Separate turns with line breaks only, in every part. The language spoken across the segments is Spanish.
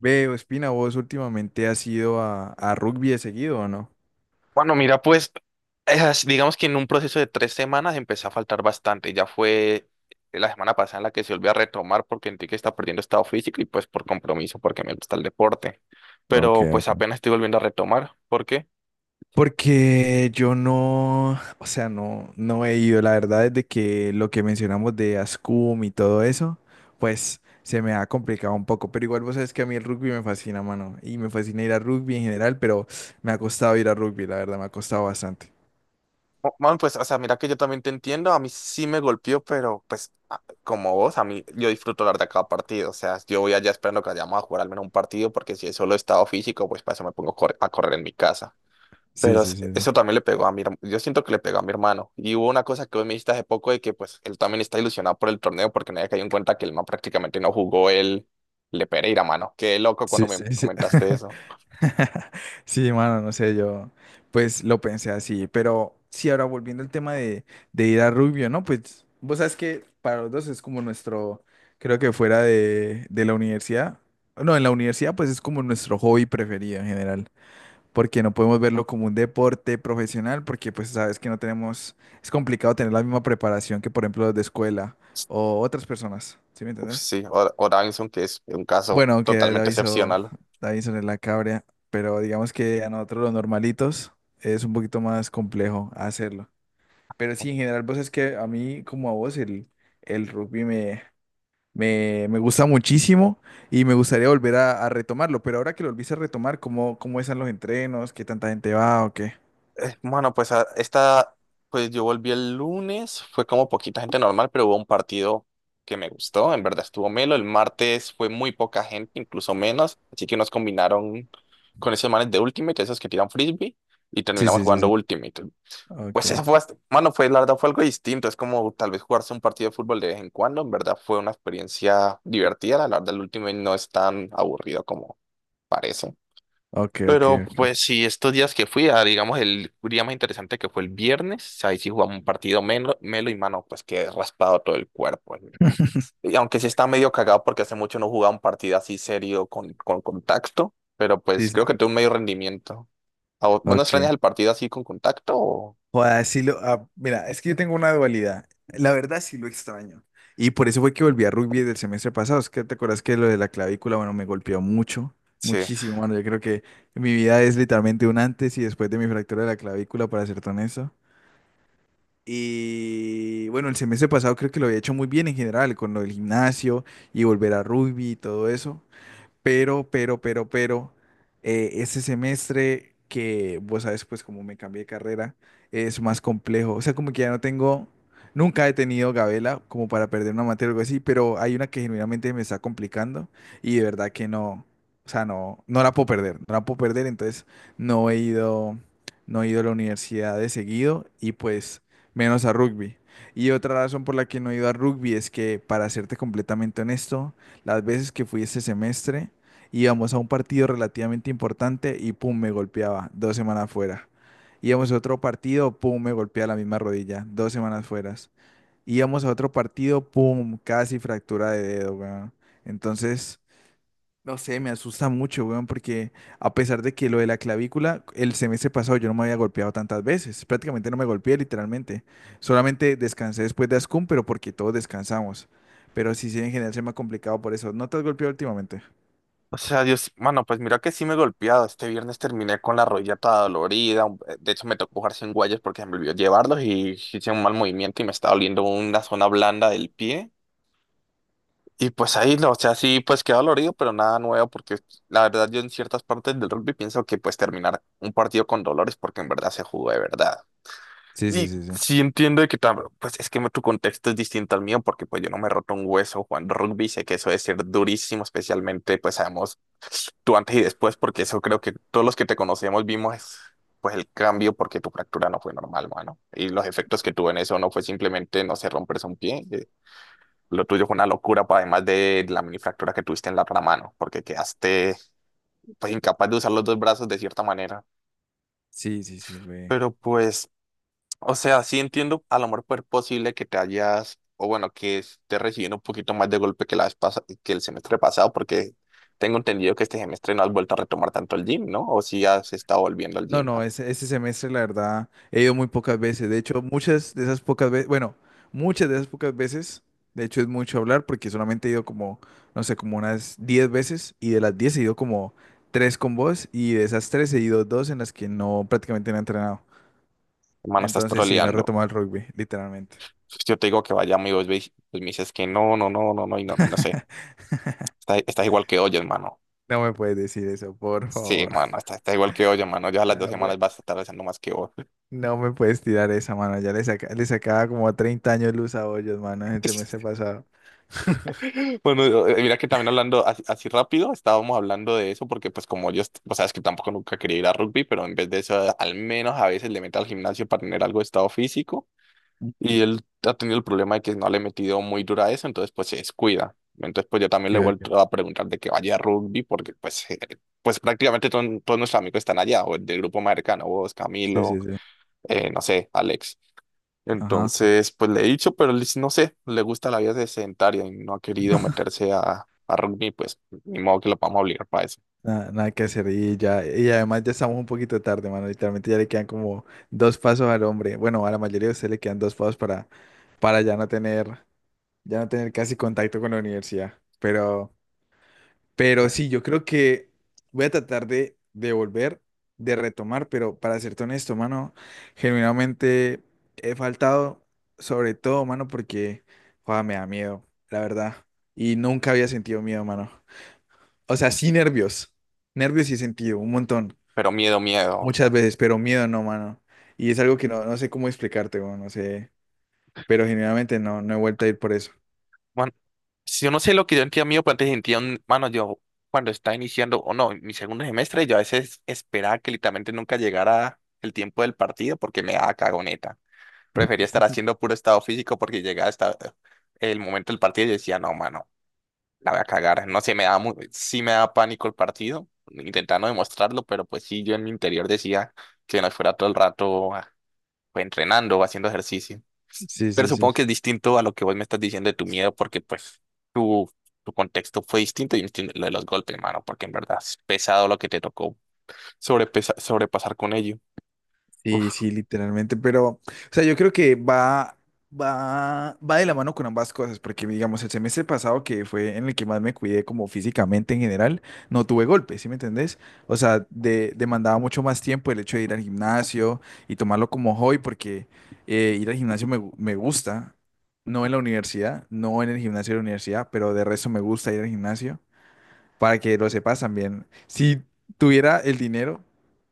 Veo, Espina, vos últimamente has ido a rugby de seguido, ¿o no?
Bueno, mira, pues digamos que en un proceso de 3 semanas empecé a faltar bastante. Ya fue la semana pasada en la que se volvió a retomar porque sentí que está perdiendo estado físico y pues por compromiso, porque me gusta el deporte.
Ok,
Pero pues
ok.
apenas estoy volviendo a retomar. ¿Por qué?
Porque yo no, o sea, no, no he ido. La verdad, desde que lo que mencionamos de Ascum y todo eso, pues se me ha complicado un poco. Pero igual vos sabes que a mí el rugby me fascina, mano. Y me fascina ir a rugby en general, pero me ha costado ir a rugby, la verdad, me ha costado bastante.
Bueno, pues, o sea, mira que yo también te entiendo. A mí sí me golpeó, pero pues como vos, a mí yo disfruto hablar de cada partido. O sea, yo voy allá esperando que vayamos a jugar al menos un partido porque si es solo estado físico, pues para eso me pongo a correr en mi casa.
Sí,
Pero
sí, sí, sí.
eso también le pegó a mi, yo siento que le pegó a mi hermano. Y hubo una cosa que hoy me dijiste hace poco de que pues él también está ilusionado por el torneo porque nadie cayó en cuenta que el man prácticamente no jugó el Le Pereira, mano. Qué loco
Sí,
cuando
sí,
me
sí.
comentaste eso.
Sí, mano, no sé, yo pues lo pensé así, pero sí, ahora volviendo al tema de, ir a Rubio, ¿no? Pues vos sabes que para los dos es como nuestro, creo que fuera de la universidad, no, en la universidad pues es como nuestro hobby preferido en general, porque no podemos verlo como un deporte profesional, porque pues sabes que no tenemos, es complicado tener la misma preparación que, por ejemplo, los de escuela o otras personas, ¿sí me
Uf,
entendés?
sí, Oranson, que es un caso
Bueno, que
totalmente
Davison,
excepcional.
Davison es la cabria, pero digamos que a nosotros los normalitos es un poquito más complejo hacerlo. Pero sí, en general, pues es que a mí, como a vos, el, rugby me gusta muchísimo y me gustaría volver a, retomarlo. Pero ahora que lo volviste a retomar, ¿cómo están los entrenos? ¿Qué tanta gente va o qué?
Bueno, pues pues yo volví el lunes, fue como poquita gente normal, pero hubo un partido que me gustó, en verdad estuvo melo. El martes fue muy poca gente, incluso menos, así que nos combinaron con esos manes de Ultimate, esos que tiran frisbee, y
Sí,
terminamos
sí, sí,
jugando
sí.
Ultimate.
Ok,
Pues eso fue, mano, fue, la verdad fue algo distinto, es como tal vez jugarse un partido de fútbol de vez en cuando, en verdad fue una experiencia divertida, la verdad el Ultimate no es tan aburrido como parece.
ok, ok,
Pero
ok.
pues sí, estos días que fui, a, digamos, el día más interesante que fue el viernes, ahí sí jugamos un partido melo, melo y mano, pues que raspado todo el cuerpo. Y aunque sí está medio cagado porque hace mucho no jugaba un partido así serio con contacto, pero
Sí,
pues
sí,
creo que
sí.
tuvo un medio rendimiento. ¿A vos, vos no extrañas
Ok.
el partido así con contacto?
Joder, sí lo, ah, mira, es que yo tengo una dualidad. La verdad sí lo extraño. Y por eso fue que volví a rugby del semestre pasado. Es que te acuerdas que lo de la clavícula, bueno, me golpeó mucho,
Sí.
muchísimo, mano. Yo creo que mi vida es literalmente un antes y después de mi fractura de la clavícula, para ser honesto. Y bueno, el semestre pasado creo que lo había hecho muy bien en general, con lo del gimnasio y volver a rugby y todo eso. Pero, ese semestre, que vos sabes, pues como me cambié de carrera, es más complejo. O sea, como que ya no tengo, nunca he tenido gabela como para perder una materia o algo así, pero hay una que genuinamente me está complicando y de verdad que no, o sea, no, no la puedo perder, no la puedo perder. Entonces no he ido, no he ido a la universidad de seguido y pues menos a rugby. Y otra razón por la que no he ido a rugby es que, para serte completamente honesto, las veces que fui este semestre, íbamos a un partido relativamente importante y pum, me golpeaba, 2 semanas fuera. Íbamos a otro partido, pum, me golpea la misma rodilla, 2 semanas fueras. Íbamos a otro partido, pum, casi fractura de dedo, weón. Entonces, no sé, me asusta mucho, weón, porque a pesar de que lo de la clavícula, el semestre pasado yo no me había golpeado tantas veces, prácticamente no me golpeé literalmente. Solamente descansé después de Ascun, pero porque todos descansamos. Pero sí, sí, en general se me ha complicado por eso. ¿No te has golpeado últimamente?
O sea, Dios, mano, pues mira que sí me he golpeado. Este viernes terminé con la rodilla toda dolorida. De hecho, me tocó jugar sin guayas porque se me olvidó llevarlos y hice un mal movimiento y me está doliendo una zona blanda del pie. Y pues ahí, lo o sea, sí, pues quedó dolorido, pero nada nuevo, porque la verdad yo en ciertas partes del rugby pienso que pues terminar un partido con dolores porque en verdad se jugó de verdad.
Sí, sí,
Y
sí, sí.
sí entiendo de que pues es que tu contexto es distinto al mío, porque pues yo no me he roto un hueso jugando rugby, sé que eso debe ser durísimo, especialmente pues sabemos tú antes y después, porque eso creo que todos los que te conocemos vimos pues el cambio, porque tu fractura no fue normal, mano, y los efectos que tuvo en eso no fue simplemente, no sé, romperse un pie, lo tuyo fue una locura, además de la minifractura que tuviste en la otra mano, porque quedaste pues, incapaz de usar los dos brazos de cierta manera.
Sí, sí, sí, fue.
Pero pues, o sea, sí entiendo a lo mejor pues, posible que te hayas, o bueno, que estés recibiendo un poquito más de golpe que la vez que el semestre pasado, porque tengo entendido que este semestre no has vuelto a retomar tanto el gym, ¿no? O si has estado volviendo al
No,
gym.
no, ese semestre, la verdad, he ido muy pocas veces. De hecho, muchas de esas pocas veces, bueno, muchas de esas pocas veces, de hecho es mucho hablar, porque solamente he ido como, no sé, como unas 10 veces, y de las 10 he ido como 3 con vos, y de esas 3 he ido 2 en las que no, prácticamente no he entrenado.
Hermano, estás
Entonces, sí, no he
troleando.
retomado el rugby, literalmente.
Pues, yo te digo que vaya, amigo, y vos pues me dices que no, no, no, no, no, y no, y no sé. Estás, estás igual que hoy, hermano.
No me puedes decir eso, por
Sí,
favor.
mano, está, está igual que hoy, mano. Ya a las dos
Ah,
semanas
bueno.
vas a estar haciendo más que vos.
No me puedes tirar esa mano, ya le, le sacaba como 30 años luz a hoyos, mano, el semestre pasado.
Bueno, mira que también hablando así, así rápido, estábamos hablando de eso porque pues como yo, o sea, es que tampoco nunca quería ir a rugby, pero en vez de eso, al menos a veces le meto al gimnasio para tener algo de estado físico y él ha tenido el problema de que no le he metido muy dura a eso, entonces pues se descuida. Entonces pues yo también le he
Que, que-
vuelto a preguntar de que vaya a rugby porque pues, pues prácticamente todos nuestros amigos están allá, o del grupo más cercano, vos,
Sí,
Camilo,
sí, sí.
no sé, Alex.
Ajá.
Entonces, pues le he dicho, pero no sé, le gusta la vida de sedentaria y no ha querido meterse a rugby, pues ni modo que lo vamos a obligar para eso.
Nada, nada que hacer. Y ya, y además ya estamos un poquito tarde, mano. Literalmente ya le quedan como dos pasos al hombre. Bueno, a la mayoría de ustedes le quedan dos pasos para, ya no tener casi contacto con la universidad. Pero. Pero sí, yo creo que voy a tratar de volver, de retomar, pero para serte honesto, mano, genuinamente he faltado, sobre todo, mano, porque joda, me da miedo, la verdad. Y nunca había sentido miedo, mano. O sea, sí nervios, nervios sí he sentido, un montón,
Pero miedo, miedo, o
muchas
sea,
veces, pero miedo no, mano. Y es algo que no, no sé cómo explicarte, weón, no sé, pero genuinamente no, no he vuelto a ir por eso.
bueno, si yo no sé lo que yo sentía miedo, pues antes sentía, mano, yo cuando estaba iniciando, o no, mi segundo semestre, yo a veces esperaba que literalmente nunca llegara el tiempo del partido porque me daba cagoneta. Prefería estar haciendo puro estado físico porque llegaba hasta el momento del partido y yo decía, no, mano. La voy a cagar. No sé, me da sí me da pánico el partido, intentando demostrarlo, pero pues sí, yo en mi interior decía que no fuera todo el rato pues, entrenando o haciendo ejercicio.
Sí,
Pero
sí, sí.
supongo que es distinto a lo que vos me estás diciendo de tu miedo, porque pues tu, tu contexto fue distinto y distinto lo de los golpes, mano, porque en verdad es pesado lo que te tocó sobrepasar con ello. Uf.
Sí, sí, literalmente, pero, o sea, yo creo que va de la mano con ambas cosas, porque digamos, el semestre pasado, que fue en el que más me cuidé como físicamente en general, no tuve golpes, ¿sí me entendés? O sea, demandaba mucho más tiempo el hecho de ir al gimnasio y tomarlo como hobby, porque ir al gimnasio me, me gusta, no en la universidad, no en el gimnasio de la universidad, pero de resto me gusta ir al gimnasio, para que lo sepas también. Si tuviera el dinero,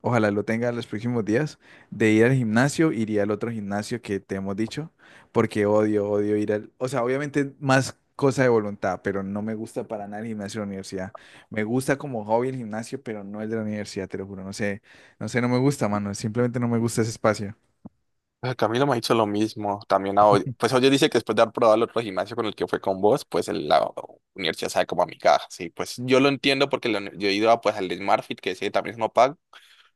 ojalá lo tenga en los próximos días, de ir al gimnasio, iría al otro gimnasio que te hemos dicho, porque odio, odio ir al, o sea, obviamente más cosa de voluntad, pero no me gusta para nada el gimnasio de la universidad. Me gusta como hobby el gimnasio, pero no el de la universidad, te lo juro. No sé, no sé, no me gusta, mano. Simplemente no me gusta ese espacio.
Ah, Camilo me ha dicho lo mismo, también a Odio. Pues Odio dice que después de haber probado el otro gimnasio con el que fue con vos, pues la universidad sabe como a mi caja, sí, pues yo lo entiendo porque la yo he ido a, pues, al de SmartFit, que ese también es no pago,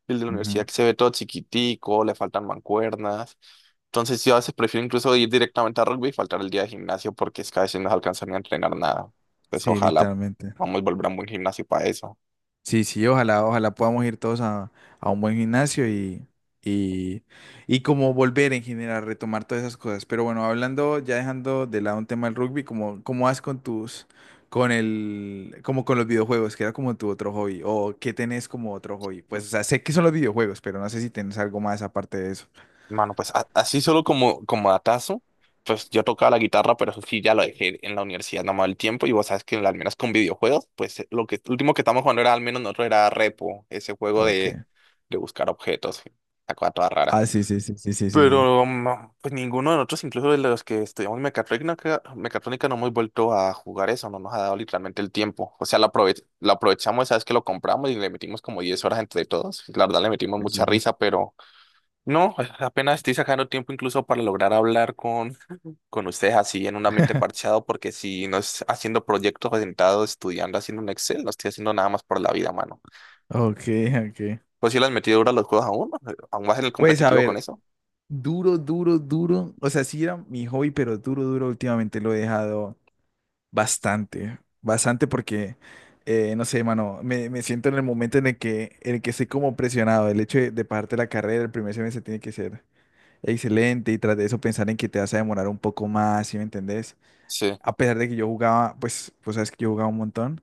el de la
Ujú.
universidad que se ve todo chiquitico, le faltan mancuernas, entonces yo a veces prefiero incluso ir directamente a rugby y faltar el día de gimnasio porque es que a veces no se alcanza ni a entrenar nada, entonces
Sí,
ojalá
literalmente.
vamos a volver a un buen gimnasio para eso.
Sí, sí, ojalá, ojalá podamos ir todos a, un buen gimnasio y, y como volver en general, retomar todas esas cosas. Pero bueno, hablando, ya dejando de lado un tema del rugby, ¿cómo, vas con el, como con los videojuegos, que era como tu otro hobby, o qué tenés como otro hobby? Pues, o sea, sé que son los videojuegos, pero no sé si tenés algo más aparte de eso.
Mano, pues así solo como, como datazo, pues yo tocaba la guitarra, pero eso sí ya lo dejé en la universidad, no me daba el tiempo, y vos sabes que al menos con videojuegos, pues lo que lo último que estábamos jugando era al menos nosotros era Repo, ese juego
Ok.
de buscar objetos, la cosa toda rara.
Ah, sí, sí, sí, sí, sí, sí, sí.
Pero no, pues ninguno de nosotros, incluso de los que estudiamos mecatrónica, mecatrónica, no hemos vuelto a jugar eso, no nos ha dado literalmente el tiempo. O sea, lo, lo aprovechamos, sabes que lo compramos y le metimos como 10 horas entre todos. La verdad le metimos mucha
Resulta.
risa, pero no, apenas estoy sacando tiempo incluso para lograr hablar con ustedes así en un ambiente parchado, porque si no es haciendo proyectos orientados, estudiando, haciendo un Excel, no estoy haciendo nada más por la vida, mano.
Ok, ok.
Pues si las metido duro los juegos aún, ¿no? Aún vas en el
Pues a
competitivo con
ver,
eso.
duro, duro, duro. O sea, sí era mi hobby, pero duro, duro últimamente lo he dejado bastante. Bastante porque, no sé, mano, me, siento en el momento en el que estoy como presionado. El hecho de pagarte la carrera, el primer semestre tiene que ser excelente y tras de eso pensar en que te vas a demorar un poco más, ¿sí me entendés?
Sí,
A pesar de que yo jugaba, pues, sabes que yo jugaba un montón.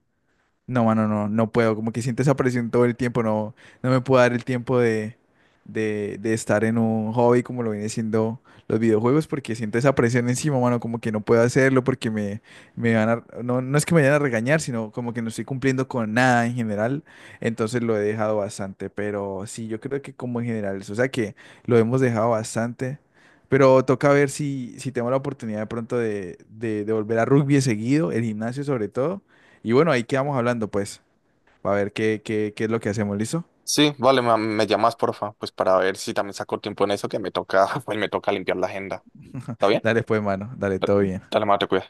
No, mano, no, no puedo. Como que siento esa presión todo el tiempo. No, no me puedo dar el tiempo de, estar en un hobby como lo viene siendo los videojuegos, porque siento esa presión encima, mano, como que no puedo hacerlo, porque me van a, no, no es que me vayan a regañar, sino como que no estoy cumpliendo con nada en general. Entonces lo he dejado bastante. Pero sí, yo creo que como en general eso. O sea que lo hemos dejado bastante. Pero toca ver si, tengo la oportunidad de pronto de volver a rugby seguido, el gimnasio sobre todo, y bueno, ahí quedamos hablando, pues, para ver qué, es lo que hacemos, ¿listo?
sí, vale, me, llamas, porfa, pues para ver si también saco tiempo en eso, que me toca, pues me toca limpiar la agenda. ¿Está bien?
Dale, pues, mano, dale,
Da-
todo bien.
Dale, mano, te cuidas.